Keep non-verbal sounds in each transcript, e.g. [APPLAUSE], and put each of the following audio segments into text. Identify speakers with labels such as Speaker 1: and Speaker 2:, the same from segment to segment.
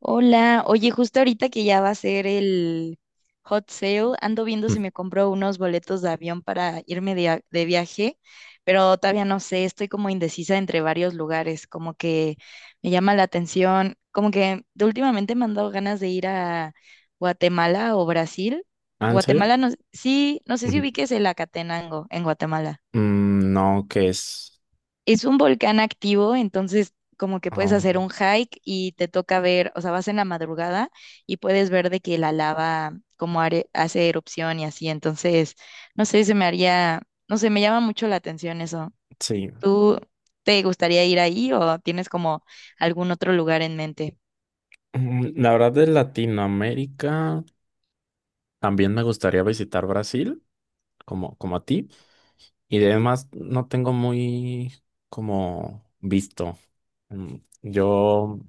Speaker 1: Hola, oye, justo ahorita que ya va a ser el hot sale, ando viendo si
Speaker 2: Mm.
Speaker 1: me compro unos boletos de avión para irme de viaje, pero todavía no sé, estoy como indecisa entre varios lugares, como que me llama la atención, como que de últimamente me han dado ganas de ir a Guatemala o Brasil.
Speaker 2: ¿Ah, en serio?
Speaker 1: Guatemala, no, sí, no sé si
Speaker 2: Ujú.
Speaker 1: ubiques el Acatenango en Guatemala.
Speaker 2: No, que es.
Speaker 1: Es un volcán activo, entonces como que puedes
Speaker 2: Ah,
Speaker 1: hacer un hike y te toca ver, o sea, vas en la madrugada y puedes ver de que la lava hace erupción y así. Entonces, no sé, se me haría, no sé, me llama mucho la atención eso.
Speaker 2: sí.
Speaker 1: ¿Tú te gustaría ir ahí o tienes como algún otro lugar en mente?
Speaker 2: La verdad, de Latinoamérica también me gustaría visitar Brasil, como a ti. Y además, no tengo muy como visto. Mm, Yo,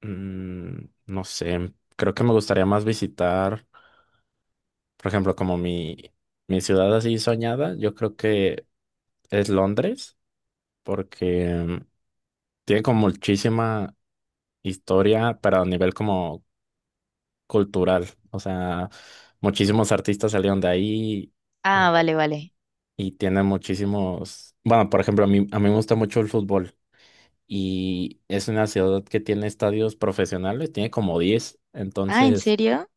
Speaker 2: mm, no sé, creo que me gustaría más visitar, por ejemplo, como mi ciudad así soñada, yo creo que es Londres, porque tiene como muchísima historia, pero a nivel como cultural. O sea, muchísimos artistas salieron de ahí, eh,
Speaker 1: Ah, vale, vale.
Speaker 2: y tienen muchísimos... Bueno, por ejemplo, a mí me gusta mucho el fútbol y es una ciudad que tiene estadios profesionales, tiene como 10,
Speaker 1: Ah, ¿en
Speaker 2: entonces.
Speaker 1: serio?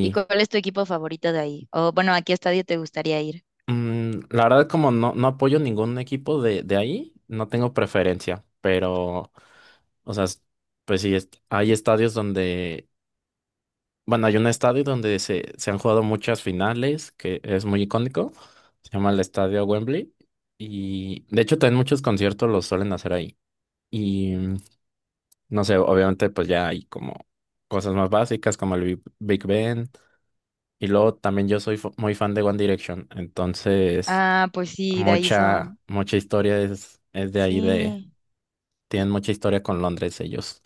Speaker 1: ¿Y cuál es tu equipo favorito de ahí? O bueno, ¿a qué estadio te gustaría ir?
Speaker 2: La verdad, como no, no apoyo ningún equipo de ahí, no tengo preferencia, pero, o sea, pues sí, est- hay estadios donde bueno, hay un estadio donde se han jugado muchas finales, que es muy icónico. Se llama el Estadio Wembley. Y de hecho también muchos conciertos los suelen hacer ahí. Y no sé, obviamente pues ya hay como cosas más básicas como el Big Ben. Y luego también yo soy muy fan de One Direction. Entonces,
Speaker 1: Ah, pues sí, de ahí son.
Speaker 2: mucha, mucha historia es de ahí de...
Speaker 1: Sí,
Speaker 2: Tienen mucha historia con Londres ellos.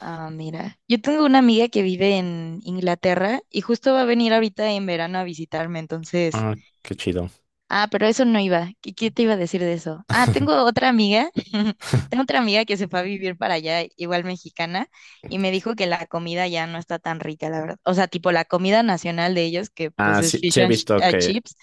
Speaker 1: ah, mira. Yo tengo una amiga que vive en Inglaterra y justo va a venir ahorita en verano a visitarme, entonces
Speaker 2: Ah, qué chido.
Speaker 1: ah, pero eso no iba. ¿Qué, qué te iba a decir de eso? Ah,
Speaker 2: [LAUGHS]
Speaker 1: tengo otra amiga. [LAUGHS] Tengo otra amiga que se fue a vivir para allá, igual mexicana, y me dijo que la comida ya no está tan rica, la verdad. O sea, tipo la comida nacional de ellos, que pues
Speaker 2: Ah,
Speaker 1: es
Speaker 2: sí, sí
Speaker 1: fish
Speaker 2: he
Speaker 1: and ch-
Speaker 2: visto
Speaker 1: eh,
Speaker 2: que
Speaker 1: chips.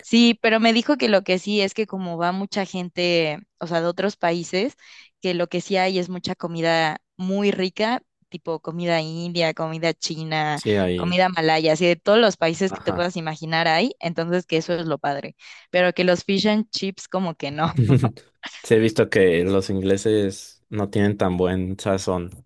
Speaker 1: Sí, pero me dijo que lo que sí es que como va mucha gente, o sea, de otros países, que lo que sí hay es mucha comida muy rica, tipo comida india, comida china,
Speaker 2: sí hay.
Speaker 1: comida malaya, así de todos los países que te
Speaker 2: Ajá.
Speaker 1: puedas imaginar hay, entonces que eso es lo padre, pero que los fish and chips como que no.
Speaker 2: [LAUGHS] Sí, he visto que los ingleses no tienen tan buen sazón.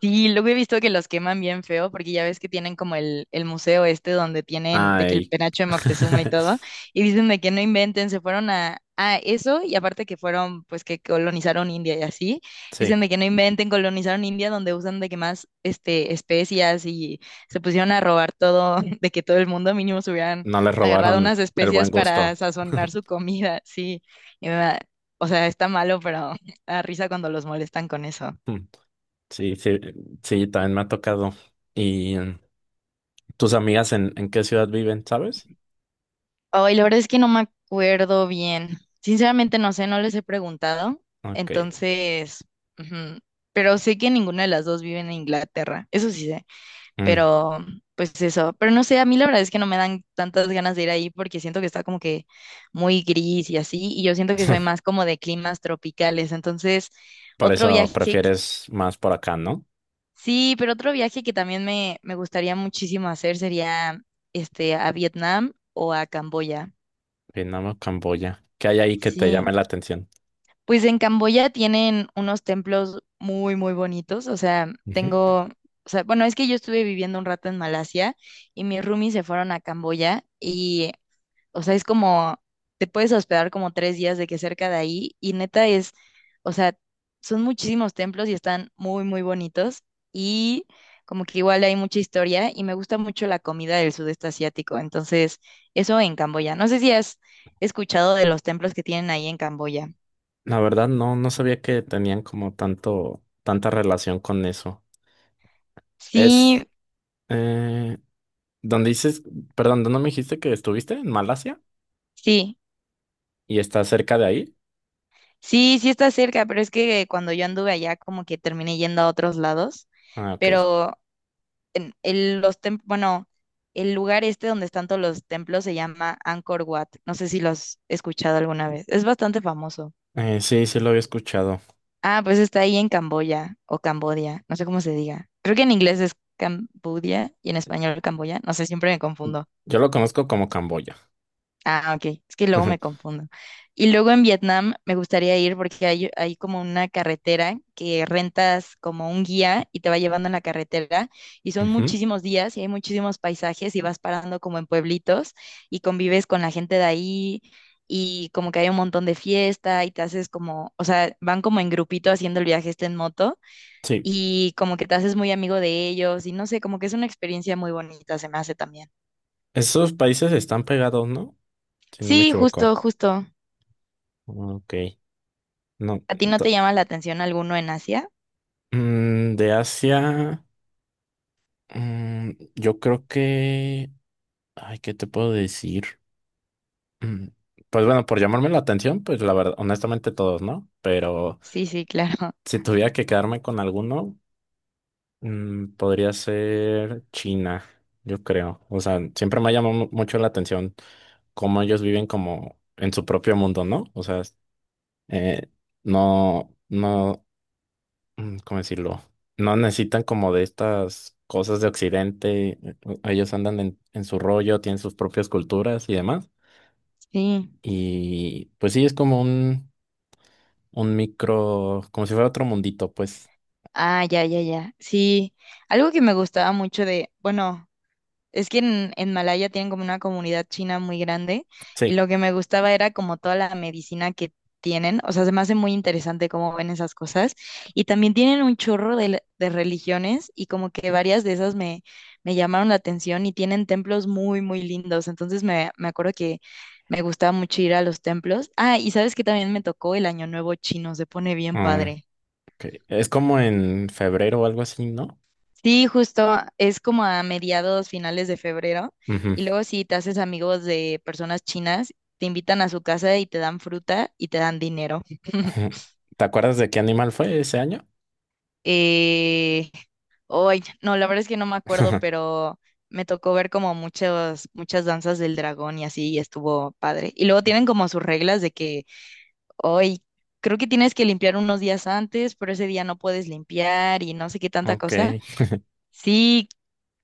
Speaker 1: Sí, luego he visto que los queman bien feo, porque ya ves que tienen como el museo este donde tienen de que el
Speaker 2: Ay.
Speaker 1: penacho de
Speaker 2: [LAUGHS]
Speaker 1: Moctezuma y todo, y dicen de que no inventen, se fueron a eso, y aparte que fueron, pues que colonizaron India y así,
Speaker 2: Sí,
Speaker 1: dicen de que no inventen, colonizaron India donde usan de que más este, especias, y se pusieron a robar todo, [LAUGHS] de que todo el mundo mínimo se hubieran
Speaker 2: no les
Speaker 1: agarrado
Speaker 2: robaron
Speaker 1: unas
Speaker 2: el buen
Speaker 1: especias
Speaker 2: gusto.
Speaker 1: para sazonar su
Speaker 2: [LAUGHS]
Speaker 1: comida, sí, y me da- o sea, está malo, pero [LAUGHS] da risa cuando los molestan con eso.
Speaker 2: Sí, sí, sí, también me ha tocado. ¿Y tus amigas en qué ciudad viven, sabes?
Speaker 1: Ay, la verdad es que no me acuerdo bien. Sinceramente no sé, no les he preguntado.
Speaker 2: Ok.
Speaker 1: Entonces, ujú, pero sé que ninguna de las dos vive en Inglaterra, eso sí sé,
Speaker 2: mm,
Speaker 1: pero pues eso, pero no sé, a mí la verdad es que no me dan tantas ganas de ir ahí porque siento que está como que muy gris y así, y yo siento que soy
Speaker 2: [LAUGHS]
Speaker 1: más como de climas tropicales. Entonces,
Speaker 2: Por
Speaker 1: otro
Speaker 2: eso
Speaker 1: viaje, que-
Speaker 2: prefieres más por acá, ¿no?
Speaker 1: sí, pero otro viaje que también me gustaría muchísimo hacer sería este a Vietnam o a Camboya.
Speaker 2: Vietnam o Camboya. ¿Qué hay ahí que te llame
Speaker 1: Sí.
Speaker 2: la atención?
Speaker 1: Pues en Camboya tienen unos templos muy, muy bonitos. O sea,
Speaker 2: Ujú.
Speaker 1: tengo, o sea, bueno, es que yo estuve viviendo un rato en Malasia y mis roomies se fueron a Camboya y, o sea, es como, te puedes hospedar como tres días de que cerca de ahí y neta es, o sea, son muchísimos templos y están muy, muy bonitos y como que igual hay mucha historia y me gusta mucho la comida del sudeste asiático. Entonces, eso en Camboya. No sé si has escuchado de los templos que tienen ahí en Camboya.
Speaker 2: La verdad, no, no sabía que tenían como tanto, tanta relación con eso. Es,
Speaker 1: Sí,
Speaker 2: eh, ¿Dónde dices, perdón, dónde me dijiste que estuviste? ¿En Malasia?
Speaker 1: sí,
Speaker 2: ¿Y está cerca de ahí?
Speaker 1: sí, sí está cerca, pero es que cuando yo anduve allá como que terminé yendo a otros lados,
Speaker 2: Ah, ok.
Speaker 1: pero bueno, el lugar este donde están todos los templos se llama Angkor Wat. No sé si lo has escuchado alguna vez. Es bastante famoso.
Speaker 2: Sí, sí lo había escuchado.
Speaker 1: Ah, pues está ahí en Camboya o Cambodia, no sé cómo se diga. Creo que en inglés es Cambodia y en español Camboya, no sé, siempre me confundo.
Speaker 2: Yo lo conozco como Camboya.
Speaker 1: Ah, ok, es que luego me
Speaker 2: [LAUGHS]
Speaker 1: confundo. Y luego en Vietnam me gustaría ir porque hay como una carretera que rentas como un guía y te va llevando en la carretera, y son
Speaker 2: Ujú.
Speaker 1: muchísimos días y hay muchísimos paisajes y vas parando como en pueblitos y convives con la gente de ahí, y como que hay un montón de fiesta y te haces como, o sea, van como en grupito haciendo el viaje este en moto
Speaker 2: Sí,
Speaker 1: y como que te haces muy amigo de ellos y no sé, como que es una experiencia muy bonita, se me hace también.
Speaker 2: esos países están pegados, ¿no? Si no me
Speaker 1: Sí,
Speaker 2: equivoco.
Speaker 1: justo,
Speaker 2: Ah,
Speaker 1: justo.
Speaker 2: ok, no.
Speaker 1: ¿A ti no
Speaker 2: to-
Speaker 1: te llama la atención alguno en Asia?
Speaker 2: de Asia, yo creo que... Ay, ¿qué te puedo decir? Mm, Pues bueno, por llamarme la atención, pues la verdad, honestamente todos, ¿no? Pero
Speaker 1: Sí, sí, claro. [LAUGHS]
Speaker 2: si tuviera que quedarme con alguno, podría ser China, yo creo. O sea, siempre me ha llamado mucho la atención cómo ellos viven como en su propio mundo, ¿no? O sea, eh, no, no, ¿cómo decirlo? No necesitan como de estas cosas de Occidente. Ellos andan en su rollo, tienen sus propias culturas y demás.
Speaker 1: Sí.
Speaker 2: Y pues sí, es como un micro, como si fuera otro mundito, pues
Speaker 1: Ah, ya, ya, ya. Sí. Algo que me gustaba mucho de, bueno. Es que en Malaya tienen como una comunidad china muy grande y
Speaker 2: sí.
Speaker 1: lo que me gustaba era como toda la medicina que tienen, o sea, se me hace muy interesante cómo ven esas cosas, y también tienen un chorro de religiones y como que varias de esas me, me llamaron la atención y tienen templos muy, muy lindos, entonces me acuerdo que me gustaba mucho ir a los templos. Ah, y sabes que también me tocó el Año Nuevo chino, se pone bien
Speaker 2: Mm,
Speaker 1: padre.
Speaker 2: ok. Es como en febrero o algo así, ¿no?
Speaker 1: Sí, justo es como a mediados, finales de febrero.
Speaker 2: Ujú.
Speaker 1: Y luego si te haces amigos de personas chinas, te invitan a su casa y te dan fruta y te dan dinero. [LAUGHS]
Speaker 2: [LAUGHS] ¿Te acuerdas de qué animal fue ese año?
Speaker 1: Eh, no, la verdad es que no me acuerdo,
Speaker 2: [LAUGHS]
Speaker 1: pero me tocó ver como muchas, muchas danzas del dragón y así, y estuvo padre. Y luego tienen como sus reglas de que hoy creo que tienes que limpiar unos días antes, pero ese día no puedes limpiar y no sé qué tanta
Speaker 2: Ok,
Speaker 1: cosa. Sí,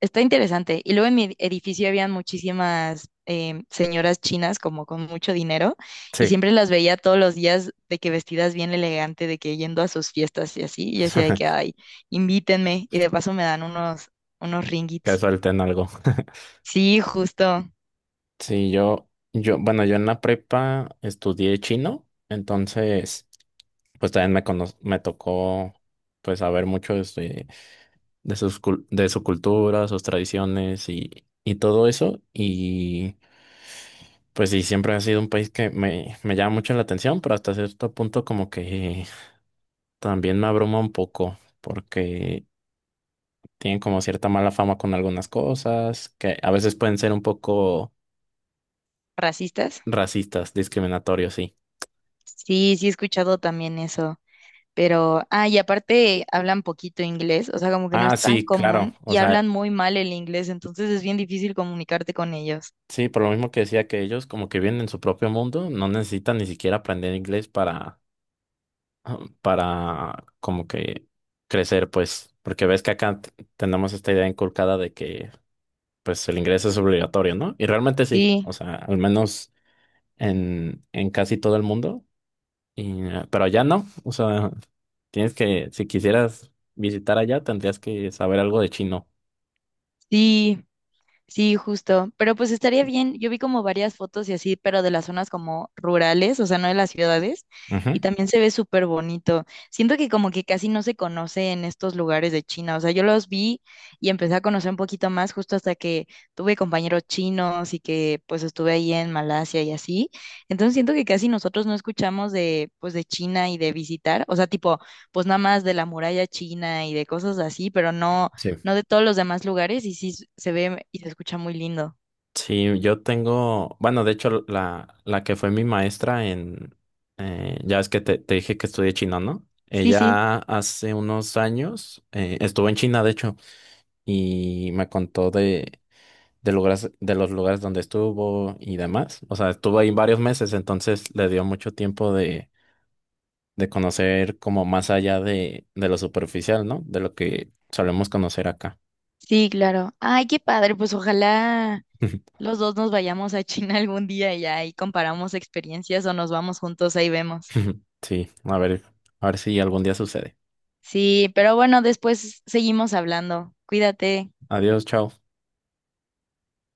Speaker 1: está interesante. Y luego en mi edificio habían muchísimas señoras chinas como con mucho dinero y
Speaker 2: sí.
Speaker 1: siempre las veía todos los días de que vestidas bien elegante, de que yendo a sus fiestas y así. Y yo decía de que,
Speaker 2: [LAUGHS]
Speaker 1: ay, invítenme y de paso me dan unos, unos
Speaker 2: Que
Speaker 1: ringgits.
Speaker 2: suelten algo. [LAUGHS]
Speaker 1: Sí, justo.
Speaker 2: Sí, yo, bueno, yo en la prepa estudié chino, entonces, pues también me tocó, pues, saber mucho de sus de su cultura, sus tradiciones y todo eso. Y pues sí, siempre ha sido un país que me llama mucho la atención, pero hasta cierto punto como que también me abruma un poco, porque tienen como cierta mala fama con algunas cosas, que a veces pueden ser un poco
Speaker 1: ¿Racistas?
Speaker 2: racistas, discriminatorios, sí.
Speaker 1: Sí, sí he escuchado también eso. Pero, ah, y aparte hablan poquito inglés, o sea, como que no es
Speaker 2: Ah,
Speaker 1: tan
Speaker 2: sí, claro.
Speaker 1: común
Speaker 2: O
Speaker 1: y hablan
Speaker 2: sea,
Speaker 1: muy mal el inglés, entonces es bien difícil comunicarte con ellos.
Speaker 2: sí, por lo mismo que decía que ellos como que viven en su propio mundo, no necesitan ni siquiera aprender inglés para, [CLEARS THROAT] para como que crecer, pues, porque ves que acá tenemos esta idea inculcada de que pues el inglés es obligatorio, ¿no? Y realmente sí,
Speaker 1: Sí,
Speaker 2: o sea, al menos en casi todo el mundo, y pero allá no, o sea... Tienes que, si quisieras visitar allá, tendrías que saber algo de chino.
Speaker 1: sí. Sí, justo. Pero pues estaría bien. Yo vi como varias fotos y así, pero de las zonas como rurales, o sea, no de las ciudades.
Speaker 2: Ujú.
Speaker 1: Y también se ve súper bonito. Siento que como que casi no se conoce en estos lugares de China. O sea, yo los vi y empecé a conocer un poquito más justo hasta que tuve compañeros chinos y que pues estuve ahí en Malasia y así. Entonces siento que casi nosotros no escuchamos de pues de China y de visitar. O sea, tipo, pues nada más de la muralla china y de cosas así, pero
Speaker 2: Sí.
Speaker 1: no de todos los demás lugares y sí se ve y se escucha muy lindo.
Speaker 2: Sí, yo tengo, bueno, de hecho, la que fue mi maestra ya es que te dije que estudié chino, ¿no?
Speaker 1: Sí, sí,
Speaker 2: Ella hace unos años estuvo en China, de hecho, y me contó de lugares, de los lugares donde estuvo y demás. O sea, estuvo ahí varios meses, entonces le dio mucho tiempo de conocer como más allá de lo superficial, ¿no? De lo que solemos conocer acá.
Speaker 1: sí, claro. Ay, qué padre, pues ojalá los dos nos vayamos a China algún día y ahí comparamos experiencias o nos vamos juntos, ahí vemos.
Speaker 2: [LAUGHS] Sí, a ver si algún día sucede.
Speaker 1: Sí, pero bueno, después seguimos hablando. Cuídate.
Speaker 2: Adiós, chao.